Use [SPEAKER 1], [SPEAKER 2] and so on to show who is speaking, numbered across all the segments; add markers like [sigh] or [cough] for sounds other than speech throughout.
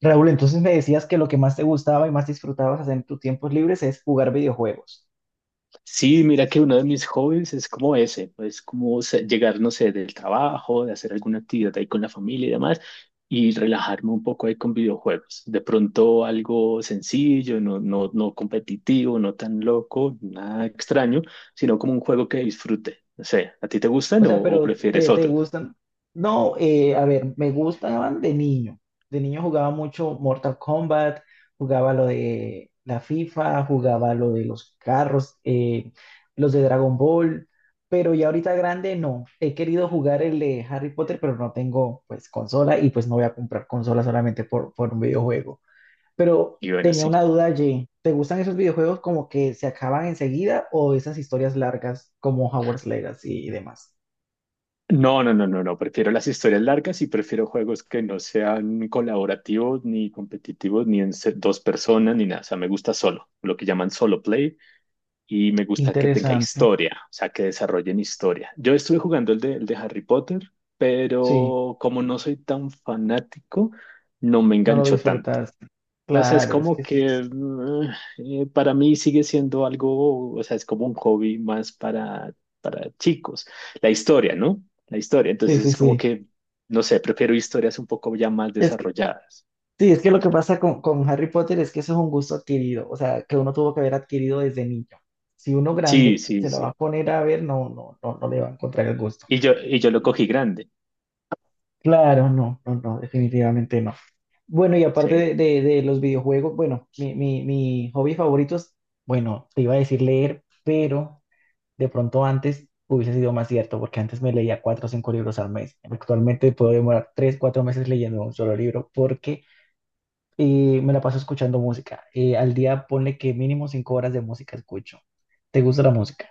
[SPEAKER 1] Raúl, entonces me decías que lo que más te gustaba y más disfrutabas hacer en tus tiempos libres es jugar videojuegos.
[SPEAKER 2] Sí, mira que uno de mis hobbies es como ese, es como llegar, no sé, del trabajo, de hacer alguna actividad ahí con la familia y demás, y relajarme un poco ahí con videojuegos. De pronto algo sencillo, no, no, no competitivo, no tan loco, nada extraño, sino como un juego que disfrute. No sé, ¿a ti te
[SPEAKER 1] O
[SPEAKER 2] gustan o,
[SPEAKER 1] sea,
[SPEAKER 2] o
[SPEAKER 1] pero
[SPEAKER 2] prefieres
[SPEAKER 1] te
[SPEAKER 2] otros?
[SPEAKER 1] gustan. No, a ver, me gustaban de niño. De niño jugaba mucho Mortal Kombat, jugaba lo de la FIFA, jugaba lo de los carros, los de Dragon Ball, pero ya ahorita grande no. He querido jugar el de Harry Potter, pero no tengo pues consola y pues no voy a comprar consola solamente por un videojuego. Pero
[SPEAKER 2] Y bueno,
[SPEAKER 1] tenía
[SPEAKER 2] sí.
[SPEAKER 1] una duda allí. ¿Te gustan esos videojuegos como que se acaban enseguida o esas historias largas como Hogwarts Legacy y demás?
[SPEAKER 2] No, no, no, no, no. Prefiero las historias largas y prefiero juegos que no sean colaborativos, ni competitivos, ni en dos personas, ni nada. O sea, me gusta solo, lo que llaman solo play, y me gusta que tenga
[SPEAKER 1] Interesante.
[SPEAKER 2] historia, o sea, que desarrollen historia. Yo estuve jugando el de Harry Potter,
[SPEAKER 1] Sí,
[SPEAKER 2] pero como no soy tan fanático, no me
[SPEAKER 1] no lo
[SPEAKER 2] enganchó tanto.
[SPEAKER 1] disfrutaste.
[SPEAKER 2] Entonces,
[SPEAKER 1] Claro, es
[SPEAKER 2] como
[SPEAKER 1] que esto
[SPEAKER 2] que
[SPEAKER 1] es-
[SPEAKER 2] para mí sigue siendo algo, o sea, es como un hobby más para chicos. La historia, ¿no? La historia. Entonces,
[SPEAKER 1] Sí, sí,
[SPEAKER 2] es como
[SPEAKER 1] sí.
[SPEAKER 2] que, no sé, prefiero historias un poco ya más
[SPEAKER 1] Es que,
[SPEAKER 2] desarrolladas.
[SPEAKER 1] sí, es que lo que pasa con Harry Potter es que eso es un gusto adquirido, o sea, que uno tuvo que haber adquirido desde niño. Si uno
[SPEAKER 2] Sí,
[SPEAKER 1] grande
[SPEAKER 2] sí,
[SPEAKER 1] se lo va a
[SPEAKER 2] sí.
[SPEAKER 1] poner a ver, no, no, no, no le va a encontrar el gusto.
[SPEAKER 2] Y yo lo cogí grande.
[SPEAKER 1] Claro, no, no, no, definitivamente no. Bueno, y aparte
[SPEAKER 2] Sí.
[SPEAKER 1] de los videojuegos, bueno, mi hobby favorito es, bueno, te iba a decir leer, pero de pronto antes hubiese sido más cierto, porque antes me leía cuatro o cinco libros al mes. Actualmente puedo demorar tres, cuatro meses leyendo un solo libro porque me la paso escuchando música. Al día ponle que mínimo cinco horas de música escucho. ¿Te gusta la música?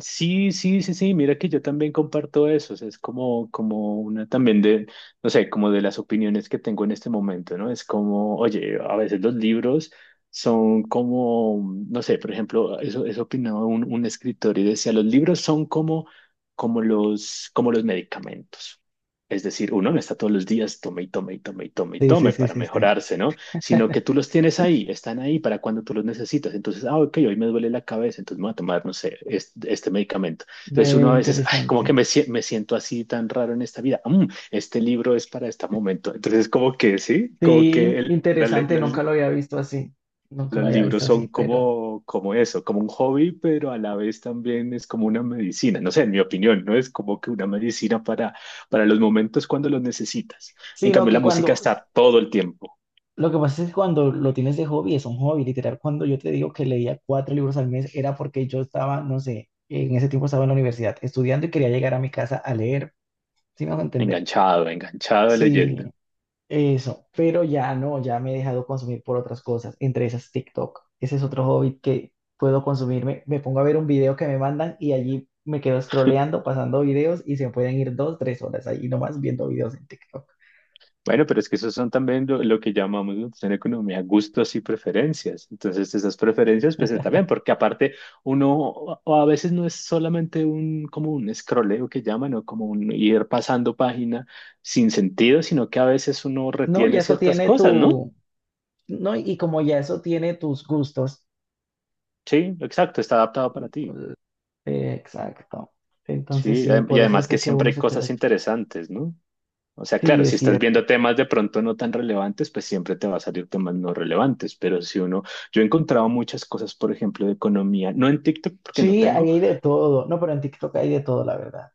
[SPEAKER 2] Sí, sí, sí, sí, mira que yo también comparto eso, o sea, es como, como una también de, no sé, como de las opiniones que tengo en este momento, ¿no? Es como, oye, a veces los libros son como, no sé, por ejemplo, eso, eso opinaba un escritor y decía, los libros son como, como los medicamentos. Es decir, uno no está todos los días, tome y tome y tome y tome y
[SPEAKER 1] Sí, sí,
[SPEAKER 2] tome
[SPEAKER 1] sí,
[SPEAKER 2] para
[SPEAKER 1] sí, sí.
[SPEAKER 2] mejorarse, ¿no? Sino que tú los tienes ahí, están ahí para cuando tú los necesitas. Entonces, ah, ok, hoy me duele la cabeza, entonces me voy a tomar, no sé, este medicamento. Entonces
[SPEAKER 1] Ve,
[SPEAKER 2] uno a veces, ay, como
[SPEAKER 1] interesante.
[SPEAKER 2] que me siento así tan raro en esta vida. Mm, este libro es para este momento. Entonces, como que, sí, como
[SPEAKER 1] Sí,
[SPEAKER 2] que el- la le-
[SPEAKER 1] interesante,
[SPEAKER 2] la
[SPEAKER 1] nunca
[SPEAKER 2] li-
[SPEAKER 1] lo había visto así, nunca
[SPEAKER 2] los
[SPEAKER 1] lo había visto
[SPEAKER 2] libros son
[SPEAKER 1] así, pero...
[SPEAKER 2] como, como eso, como un hobby, pero a la vez también es como una medicina. No sé, en mi opinión, ¿no? Es como que una medicina para los momentos cuando los necesitas. En
[SPEAKER 1] Sino
[SPEAKER 2] cambio,
[SPEAKER 1] que
[SPEAKER 2] la música
[SPEAKER 1] cuando,
[SPEAKER 2] está todo el tiempo.
[SPEAKER 1] lo que pasa es que cuando lo tienes de hobby, es un hobby, literal, cuando yo te digo que leía cuatro libros al mes, era porque yo estaba, no sé, en ese tiempo estaba en la universidad estudiando y quería llegar a mi casa a leer, ¿sí me a entender?
[SPEAKER 2] Enganchado, enganchado leyendo.
[SPEAKER 1] Sí, eso, pero ya no, ya me he dejado consumir por otras cosas, entre esas TikTok. Ese es otro hobby que puedo consumirme. Me pongo a ver un video que me mandan y allí me quedo scrolleando, pasando videos y se pueden ir dos, tres horas ahí nomás viendo videos en TikTok.
[SPEAKER 2] Bueno, pero es que esos son también lo que llamamos nosotros en economía gustos y preferencias. Entonces, esas preferencias, pues está bien, porque aparte uno a veces no es solamente un como un escroleo que llaman o como un ir pasando página sin sentido, sino que a veces uno
[SPEAKER 1] No, ya
[SPEAKER 2] retiene
[SPEAKER 1] eso
[SPEAKER 2] ciertas
[SPEAKER 1] tiene
[SPEAKER 2] cosas, ¿no?
[SPEAKER 1] tu, no, y como ya eso tiene tus gustos.
[SPEAKER 2] Sí, exacto, está adaptado para ti.
[SPEAKER 1] Pues, exacto. Entonces
[SPEAKER 2] Sí,
[SPEAKER 1] sí,
[SPEAKER 2] y
[SPEAKER 1] por eso es
[SPEAKER 2] además que
[SPEAKER 1] de que
[SPEAKER 2] siempre
[SPEAKER 1] uno
[SPEAKER 2] hay
[SPEAKER 1] se queda.
[SPEAKER 2] cosas interesantes, ¿no? O sea,
[SPEAKER 1] Sí,
[SPEAKER 2] claro, si
[SPEAKER 1] es
[SPEAKER 2] estás
[SPEAKER 1] cierto.
[SPEAKER 2] viendo temas de pronto no tan relevantes, pues siempre te va a salir temas no relevantes, pero si uno, yo he encontrado muchas cosas, por ejemplo, de economía, no en TikTok porque no
[SPEAKER 1] Sí,
[SPEAKER 2] tengo,
[SPEAKER 1] ahí hay de todo. No, pero en TikTok hay de todo, la verdad.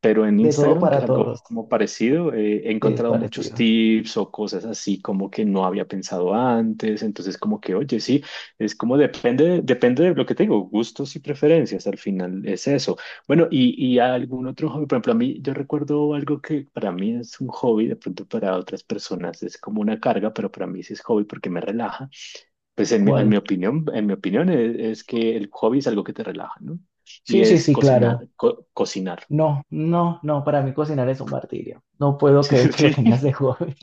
[SPEAKER 2] pero en
[SPEAKER 1] De todo
[SPEAKER 2] Instagram, que
[SPEAKER 1] para
[SPEAKER 2] es algo
[SPEAKER 1] todos.
[SPEAKER 2] como parecido, he
[SPEAKER 1] Sí, es
[SPEAKER 2] encontrado muchos
[SPEAKER 1] parecido.
[SPEAKER 2] tips o cosas así como que no había pensado antes. Entonces, como que, oye, sí, es como depende, depende de lo que tengo, gustos y preferencias. Al final es eso. Bueno, y algún otro hobby, por ejemplo, a mí, yo recuerdo algo que para mí es un hobby, de pronto para otras personas es como una carga, pero para mí sí es hobby porque me relaja. Pues en mi
[SPEAKER 1] ¿Cuál?
[SPEAKER 2] opinión, en mi opinión es que el hobby es algo que te relaja, ¿no? Y
[SPEAKER 1] Sí, sí,
[SPEAKER 2] es
[SPEAKER 1] sí, claro.
[SPEAKER 2] cocinar, cocinar.
[SPEAKER 1] No, no, no, para mí cocinar es un martirio. No puedo
[SPEAKER 2] [laughs]
[SPEAKER 1] creer que lo
[SPEAKER 2] Sí.
[SPEAKER 1] tengas de hobby.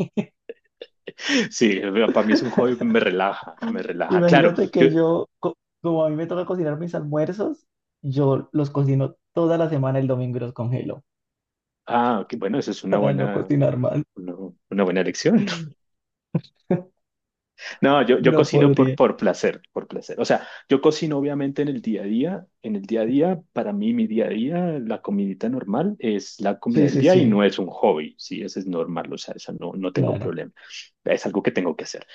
[SPEAKER 2] Sí, para mí es un hobby, me relaja, me
[SPEAKER 1] [laughs]
[SPEAKER 2] relaja. Claro,
[SPEAKER 1] Imagínate
[SPEAKER 2] yo,
[SPEAKER 1] que yo, co- como a mí me toca cocinar mis almuerzos, yo los cocino toda la semana el domingo y los congelo
[SPEAKER 2] ah, ok, bueno, esa es
[SPEAKER 1] [laughs] para no cocinar más.
[SPEAKER 2] una, una buena elección. [laughs]
[SPEAKER 1] [laughs]
[SPEAKER 2] No, yo
[SPEAKER 1] No
[SPEAKER 2] cocino
[SPEAKER 1] podría.
[SPEAKER 2] por placer, por placer. O sea, yo cocino obviamente en el día a día, en el día a día, para mí mi día a día, la comidita normal es la comida
[SPEAKER 1] Sí,
[SPEAKER 2] del
[SPEAKER 1] sí,
[SPEAKER 2] día y
[SPEAKER 1] sí,
[SPEAKER 2] no es un hobby, sí, eso es normal, o sea, eso no, no tengo
[SPEAKER 1] claro.
[SPEAKER 2] problema. Es algo que tengo que hacer.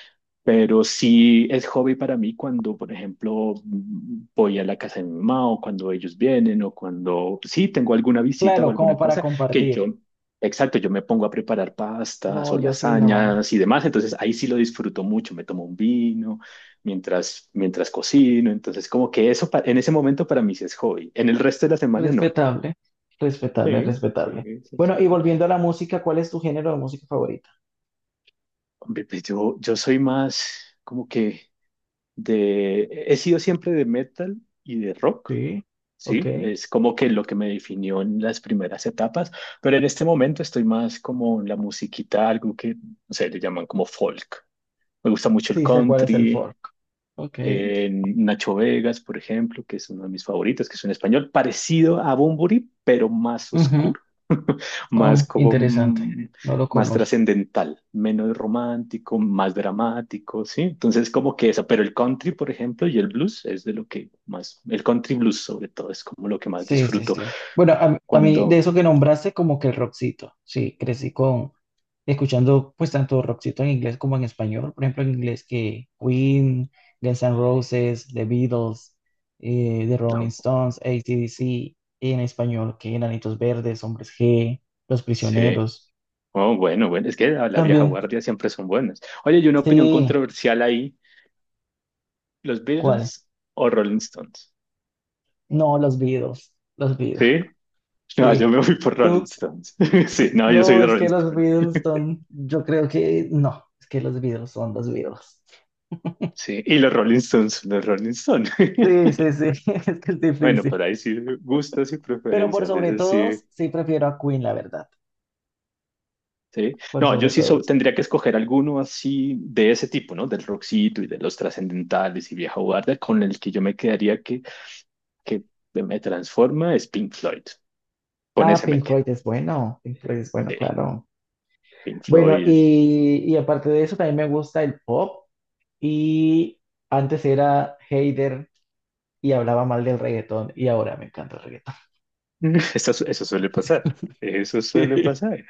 [SPEAKER 2] Pero sí es hobby para mí cuando, por ejemplo, mm, voy a la casa de mi mamá o cuando ellos vienen o cuando sí tengo alguna visita o
[SPEAKER 1] Claro, como
[SPEAKER 2] alguna
[SPEAKER 1] para
[SPEAKER 2] cosa que
[SPEAKER 1] compartir.
[SPEAKER 2] yo, exacto, yo me pongo a preparar
[SPEAKER 1] No,
[SPEAKER 2] pastas o
[SPEAKER 1] yo sí, no.
[SPEAKER 2] lasañas y demás. Entonces ahí sí lo disfruto mucho. Me tomo un vino mientras cocino. Entonces como que eso en ese momento para mí sí es hobby. En el resto de la semana no.
[SPEAKER 1] Respetable, respetable,
[SPEAKER 2] Sí, sí,
[SPEAKER 1] respetable.
[SPEAKER 2] sí,
[SPEAKER 1] Bueno, y
[SPEAKER 2] sí.
[SPEAKER 1] volviendo a la música, ¿cuál es tu género de música favorita?
[SPEAKER 2] Hombre, pues yo soy más como que... de, he sido siempre de metal y de rock,
[SPEAKER 1] Sí, ok.
[SPEAKER 2] ¿sí? Es como que lo que me definió en las primeras etapas, pero en este momento estoy más como en la musiquita, algo que, no sé, le llaman como folk. Me gusta mucho el
[SPEAKER 1] Sí sé cuál es el
[SPEAKER 2] country,
[SPEAKER 1] fork. Ok.
[SPEAKER 2] Nacho Vegas, por ejemplo, que es uno de mis favoritos, que es un español parecido a Bunbury, pero más
[SPEAKER 1] Ujú.
[SPEAKER 2] oscuro, más como
[SPEAKER 1] Interesante. No lo
[SPEAKER 2] más
[SPEAKER 1] conozco.
[SPEAKER 2] trascendental, menos romántico, más dramático, ¿sí? Entonces como que eso, pero el country, por ejemplo, y el blues es de lo que más, el country blues sobre todo es como lo que más
[SPEAKER 1] Sí, sí,
[SPEAKER 2] disfruto
[SPEAKER 1] sí. Bueno, a mí de
[SPEAKER 2] cuando,
[SPEAKER 1] eso que nombraste, como que el rockcito. Sí, crecí con escuchando pues tanto rockcito en inglés como en español. Por ejemplo, en inglés que Queen, Guns N' Roses, The Beatles, The Rolling
[SPEAKER 2] no,
[SPEAKER 1] Stones, AC/DC. Y en español que Enanitos Verdes, Hombres G, Los
[SPEAKER 2] sí,
[SPEAKER 1] Prisioneros.
[SPEAKER 2] oh, bueno, bueno, es que la vieja
[SPEAKER 1] También,
[SPEAKER 2] guardia siempre son buenas. Oye, hay una opinión
[SPEAKER 1] sí,
[SPEAKER 2] controversial ahí, ¿los
[SPEAKER 1] ¿cuál?
[SPEAKER 2] Beatles o Rolling Stones?
[SPEAKER 1] No, Los Beatles. Los Beatles.
[SPEAKER 2] ¿Sí? No,
[SPEAKER 1] Sí,
[SPEAKER 2] yo me fui por Rolling
[SPEAKER 1] tú,
[SPEAKER 2] Stones. [laughs] Sí, no, yo soy
[SPEAKER 1] no,
[SPEAKER 2] de
[SPEAKER 1] es
[SPEAKER 2] Rolling
[SPEAKER 1] que los
[SPEAKER 2] Stones.
[SPEAKER 1] Beatles son, yo creo que no, es que los Beatles son los Beatles.
[SPEAKER 2] Sí, y los Rolling Stones, los Rolling Stones. [laughs]
[SPEAKER 1] Sí, sí, sí, [laughs] es que es
[SPEAKER 2] Bueno,
[SPEAKER 1] difícil.
[SPEAKER 2] pero ahí sí, gustos y
[SPEAKER 1] Pero por
[SPEAKER 2] preferencias,
[SPEAKER 1] sobre
[SPEAKER 2] eso sí,
[SPEAKER 1] todos, sí prefiero a Queen, la verdad,
[SPEAKER 2] sí.
[SPEAKER 1] por
[SPEAKER 2] No, yo
[SPEAKER 1] sobre
[SPEAKER 2] sí
[SPEAKER 1] todos.
[SPEAKER 2] tendría que escoger alguno así de ese tipo, ¿no? Del rockcito y de los trascendentales y vieja guardia, con el que yo me quedaría que me transforma es Pink Floyd. Con
[SPEAKER 1] Ah,
[SPEAKER 2] ese me
[SPEAKER 1] Pink
[SPEAKER 2] quedo.
[SPEAKER 1] Floyd es bueno, Pink Floyd es bueno,
[SPEAKER 2] Sí,
[SPEAKER 1] claro.
[SPEAKER 2] Pink
[SPEAKER 1] Bueno,
[SPEAKER 2] Floyd.
[SPEAKER 1] y aparte de eso, también me gusta el pop. Y antes era hater y hablaba mal del reggaetón, y ahora me encanta el reggaetón.
[SPEAKER 2] [laughs] Eso, eso suele pasar. Eso suele
[SPEAKER 1] [laughs]
[SPEAKER 2] pasar.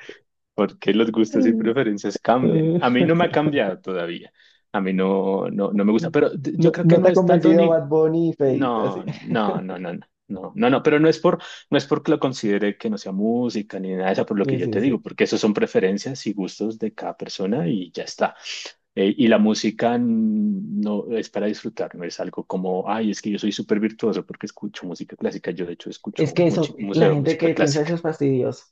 [SPEAKER 2] Porque los gustos y
[SPEAKER 1] Sí.
[SPEAKER 2] preferencias cambian.
[SPEAKER 1] Mm.
[SPEAKER 2] A mí no me ha
[SPEAKER 1] [laughs]
[SPEAKER 2] cambiado todavía. A mí no, no, no me gusta, pero yo
[SPEAKER 1] No,
[SPEAKER 2] creo que
[SPEAKER 1] no te
[SPEAKER 2] no
[SPEAKER 1] ha
[SPEAKER 2] es tanto
[SPEAKER 1] convencido
[SPEAKER 2] ni.
[SPEAKER 1] Bad Bunny y Feid, así.
[SPEAKER 2] No, no, no, no, no, no, no, no, pero no es no es porque lo considere que no sea música ni nada de eso, por lo que
[SPEAKER 1] Sí,
[SPEAKER 2] yo
[SPEAKER 1] sí,
[SPEAKER 2] te
[SPEAKER 1] sí.
[SPEAKER 2] digo, porque eso son preferencias y gustos de cada persona y ya está. Y la música no es para disfrutar, no es algo como, ay, es que yo soy súper virtuoso porque escucho música clásica. Yo, de hecho,
[SPEAKER 1] Es
[SPEAKER 2] escucho
[SPEAKER 1] que eso, la
[SPEAKER 2] mucha
[SPEAKER 1] gente
[SPEAKER 2] música
[SPEAKER 1] que piensa
[SPEAKER 2] clásica.
[SPEAKER 1] eso es fastidioso.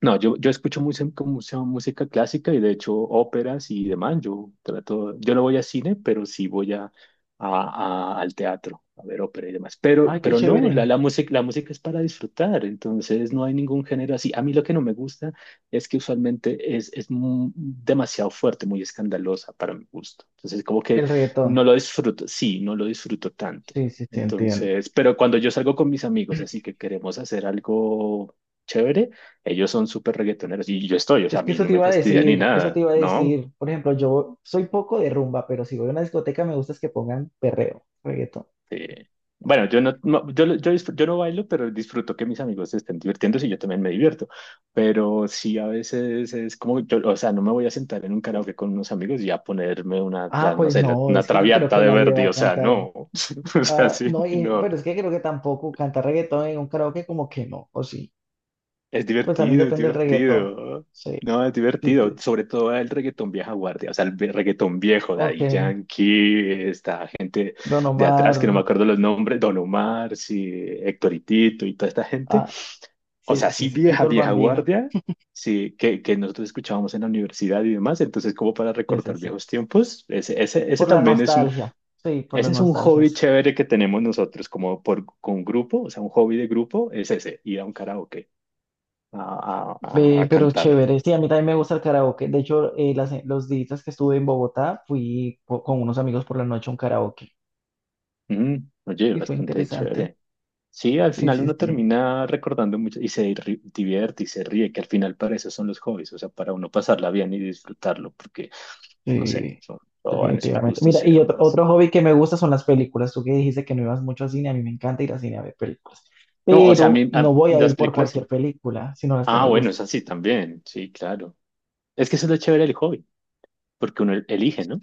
[SPEAKER 2] No, yo escucho mucha, mucha música clásica y de hecho óperas y demás. Yo trato, yo no voy a cine, pero sí voy a, al teatro a ver ópera y demás.
[SPEAKER 1] Ay, qué
[SPEAKER 2] Pero no, la,
[SPEAKER 1] chévere,
[SPEAKER 2] la música, la música es para disfrutar, entonces no hay ningún género así. A mí lo que no me gusta es que usualmente es demasiado fuerte, muy escandalosa para mi gusto. Entonces como que
[SPEAKER 1] el reggaetón.
[SPEAKER 2] no lo disfruto, sí, no lo disfruto tanto.
[SPEAKER 1] Sí, sí, sí, entiendo.
[SPEAKER 2] Entonces, pero cuando yo salgo con mis amigos, así que queremos hacer algo chévere. Ellos son súper reggaetoneros y yo estoy, o sea,
[SPEAKER 1] Es
[SPEAKER 2] a
[SPEAKER 1] que
[SPEAKER 2] mí
[SPEAKER 1] eso
[SPEAKER 2] no
[SPEAKER 1] te
[SPEAKER 2] me
[SPEAKER 1] iba a
[SPEAKER 2] fastidia ni
[SPEAKER 1] decir, eso te
[SPEAKER 2] nada,
[SPEAKER 1] iba a
[SPEAKER 2] ¿no?
[SPEAKER 1] decir. Por ejemplo, yo soy poco de rumba, pero si voy a una discoteca me gusta es que pongan perreo, reggaetón.
[SPEAKER 2] Eh, bueno, yo no, yo, yo, yo no bailo, pero disfruto que mis amigos se estén divirtiendo y yo también me divierto. Pero sí, a veces es como, yo, o sea, no me voy a sentar en un karaoke con unos amigos y a ponerme una, o
[SPEAKER 1] Ah,
[SPEAKER 2] sea, no
[SPEAKER 1] pues
[SPEAKER 2] sé,
[SPEAKER 1] no,
[SPEAKER 2] una
[SPEAKER 1] es que yo creo
[SPEAKER 2] traviata
[SPEAKER 1] que
[SPEAKER 2] de
[SPEAKER 1] nadie va
[SPEAKER 2] Verdi,
[SPEAKER 1] a
[SPEAKER 2] o sea,
[SPEAKER 1] cantar.
[SPEAKER 2] no. [laughs] O sea,
[SPEAKER 1] Ah,
[SPEAKER 2] sí,
[SPEAKER 1] no, y,
[SPEAKER 2] no.
[SPEAKER 1] pero es que creo que tampoco cantar reggaetón en un karaoke como que no, o sí.
[SPEAKER 2] Es
[SPEAKER 1] Pues también
[SPEAKER 2] divertido, es
[SPEAKER 1] depende del reggaetón.
[SPEAKER 2] divertido.
[SPEAKER 1] Sí,
[SPEAKER 2] No, es
[SPEAKER 1] sí, sí.
[SPEAKER 2] divertido. Sobre todo el reggaetón vieja guardia. O sea, el reggaetón viejo,
[SPEAKER 1] Ok.
[SPEAKER 2] Daddy Yankee, esta gente
[SPEAKER 1] Don
[SPEAKER 2] de atrás que no
[SPEAKER 1] Omar,
[SPEAKER 2] me acuerdo los nombres, Don Omar, sí, Hectoritito y toda esta gente.
[SPEAKER 1] ah,
[SPEAKER 2] O sea,
[SPEAKER 1] sí, sí,
[SPEAKER 2] sí
[SPEAKER 1] sí,
[SPEAKER 2] vieja,
[SPEAKER 1] Tito el
[SPEAKER 2] vieja
[SPEAKER 1] Bambino,
[SPEAKER 2] guardia, sí, que nosotros escuchábamos en la universidad y demás. Entonces, como para
[SPEAKER 1] sí, sí,
[SPEAKER 2] recordar
[SPEAKER 1] sí.
[SPEAKER 2] viejos tiempos, ese
[SPEAKER 1] Por la
[SPEAKER 2] también es un,
[SPEAKER 1] nostalgia, sí, por la
[SPEAKER 2] ese es un
[SPEAKER 1] nostalgia,
[SPEAKER 2] hobby
[SPEAKER 1] sí.
[SPEAKER 2] chévere que tenemos nosotros como por, con grupo, o sea, un hobby de grupo es ese, ir a un karaoke a,
[SPEAKER 1] Ve,
[SPEAKER 2] a
[SPEAKER 1] pero
[SPEAKER 2] cantar.
[SPEAKER 1] chévere, sí, a mí también me gusta el karaoke. De hecho, los días que estuve en Bogotá, fui po- con unos amigos por la noche a un karaoke
[SPEAKER 2] Mm, oye,
[SPEAKER 1] y fue
[SPEAKER 2] bastante
[SPEAKER 1] interesante.
[SPEAKER 2] chévere. Sí, al
[SPEAKER 1] Sí,
[SPEAKER 2] final
[SPEAKER 1] sí,
[SPEAKER 2] uno
[SPEAKER 1] sí,
[SPEAKER 2] termina recordando mucho y se divierte y se ríe, que al final para eso son los hobbies, o sea, para uno pasarla bien y disfrutarlo, porque, no sé,
[SPEAKER 1] sí,
[SPEAKER 2] son, todo van esos
[SPEAKER 1] definitivamente.
[SPEAKER 2] gustos
[SPEAKER 1] Mira,
[SPEAKER 2] y demás.
[SPEAKER 1] otro hobby que me gusta son las películas. Tú que dijiste que no ibas mucho al cine, a mí me encanta ir al cine a ver películas,
[SPEAKER 2] No, o sea, a
[SPEAKER 1] pero
[SPEAKER 2] mí,
[SPEAKER 1] no voy a
[SPEAKER 2] las
[SPEAKER 1] ir por
[SPEAKER 2] películas sí.
[SPEAKER 1] cualquier película, sino las que
[SPEAKER 2] Ah,
[SPEAKER 1] me
[SPEAKER 2] bueno,
[SPEAKER 1] gusten.
[SPEAKER 2] es así también, sí, claro. Es que eso es lo chévere del hobby, porque uno elige, ¿no?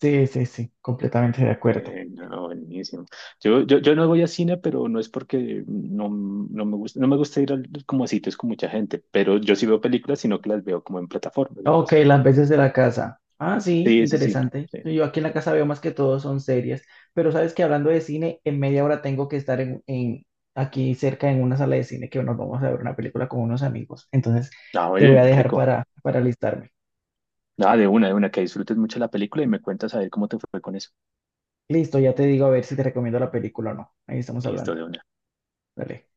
[SPEAKER 1] Sí, sí, sí, completamente de acuerdo.
[SPEAKER 2] No, buenísimo. Yo no voy a cine, pero no es porque no, no me gusta, no me gusta ir como a sitios con mucha gente, pero yo sí veo películas, sino que las veo como en plataformas y en
[SPEAKER 1] Ok,
[SPEAKER 2] cosas.
[SPEAKER 1] las veces de la casa. Ah, sí,
[SPEAKER 2] Sí, sí, sí.
[SPEAKER 1] interesante.
[SPEAKER 2] Sí,
[SPEAKER 1] Yo aquí en la
[SPEAKER 2] sí.
[SPEAKER 1] casa veo más que todo son series, pero sabes que hablando de cine, en media hora tengo que estar aquí cerca en una sala de cine que nos vamos a ver una película con unos amigos. Entonces,
[SPEAKER 2] Ah,
[SPEAKER 1] te voy
[SPEAKER 2] oye,
[SPEAKER 1] a dejar
[SPEAKER 2] rico.
[SPEAKER 1] para alistarme.
[SPEAKER 2] Nada, de una, que disfrutes mucho la película y me cuentas a ver cómo te fue con eso.
[SPEAKER 1] Listo, ya te digo a ver si te recomiendo la película o no. Ahí estamos
[SPEAKER 2] Listo,
[SPEAKER 1] hablando.
[SPEAKER 2] de una.
[SPEAKER 1] Dale.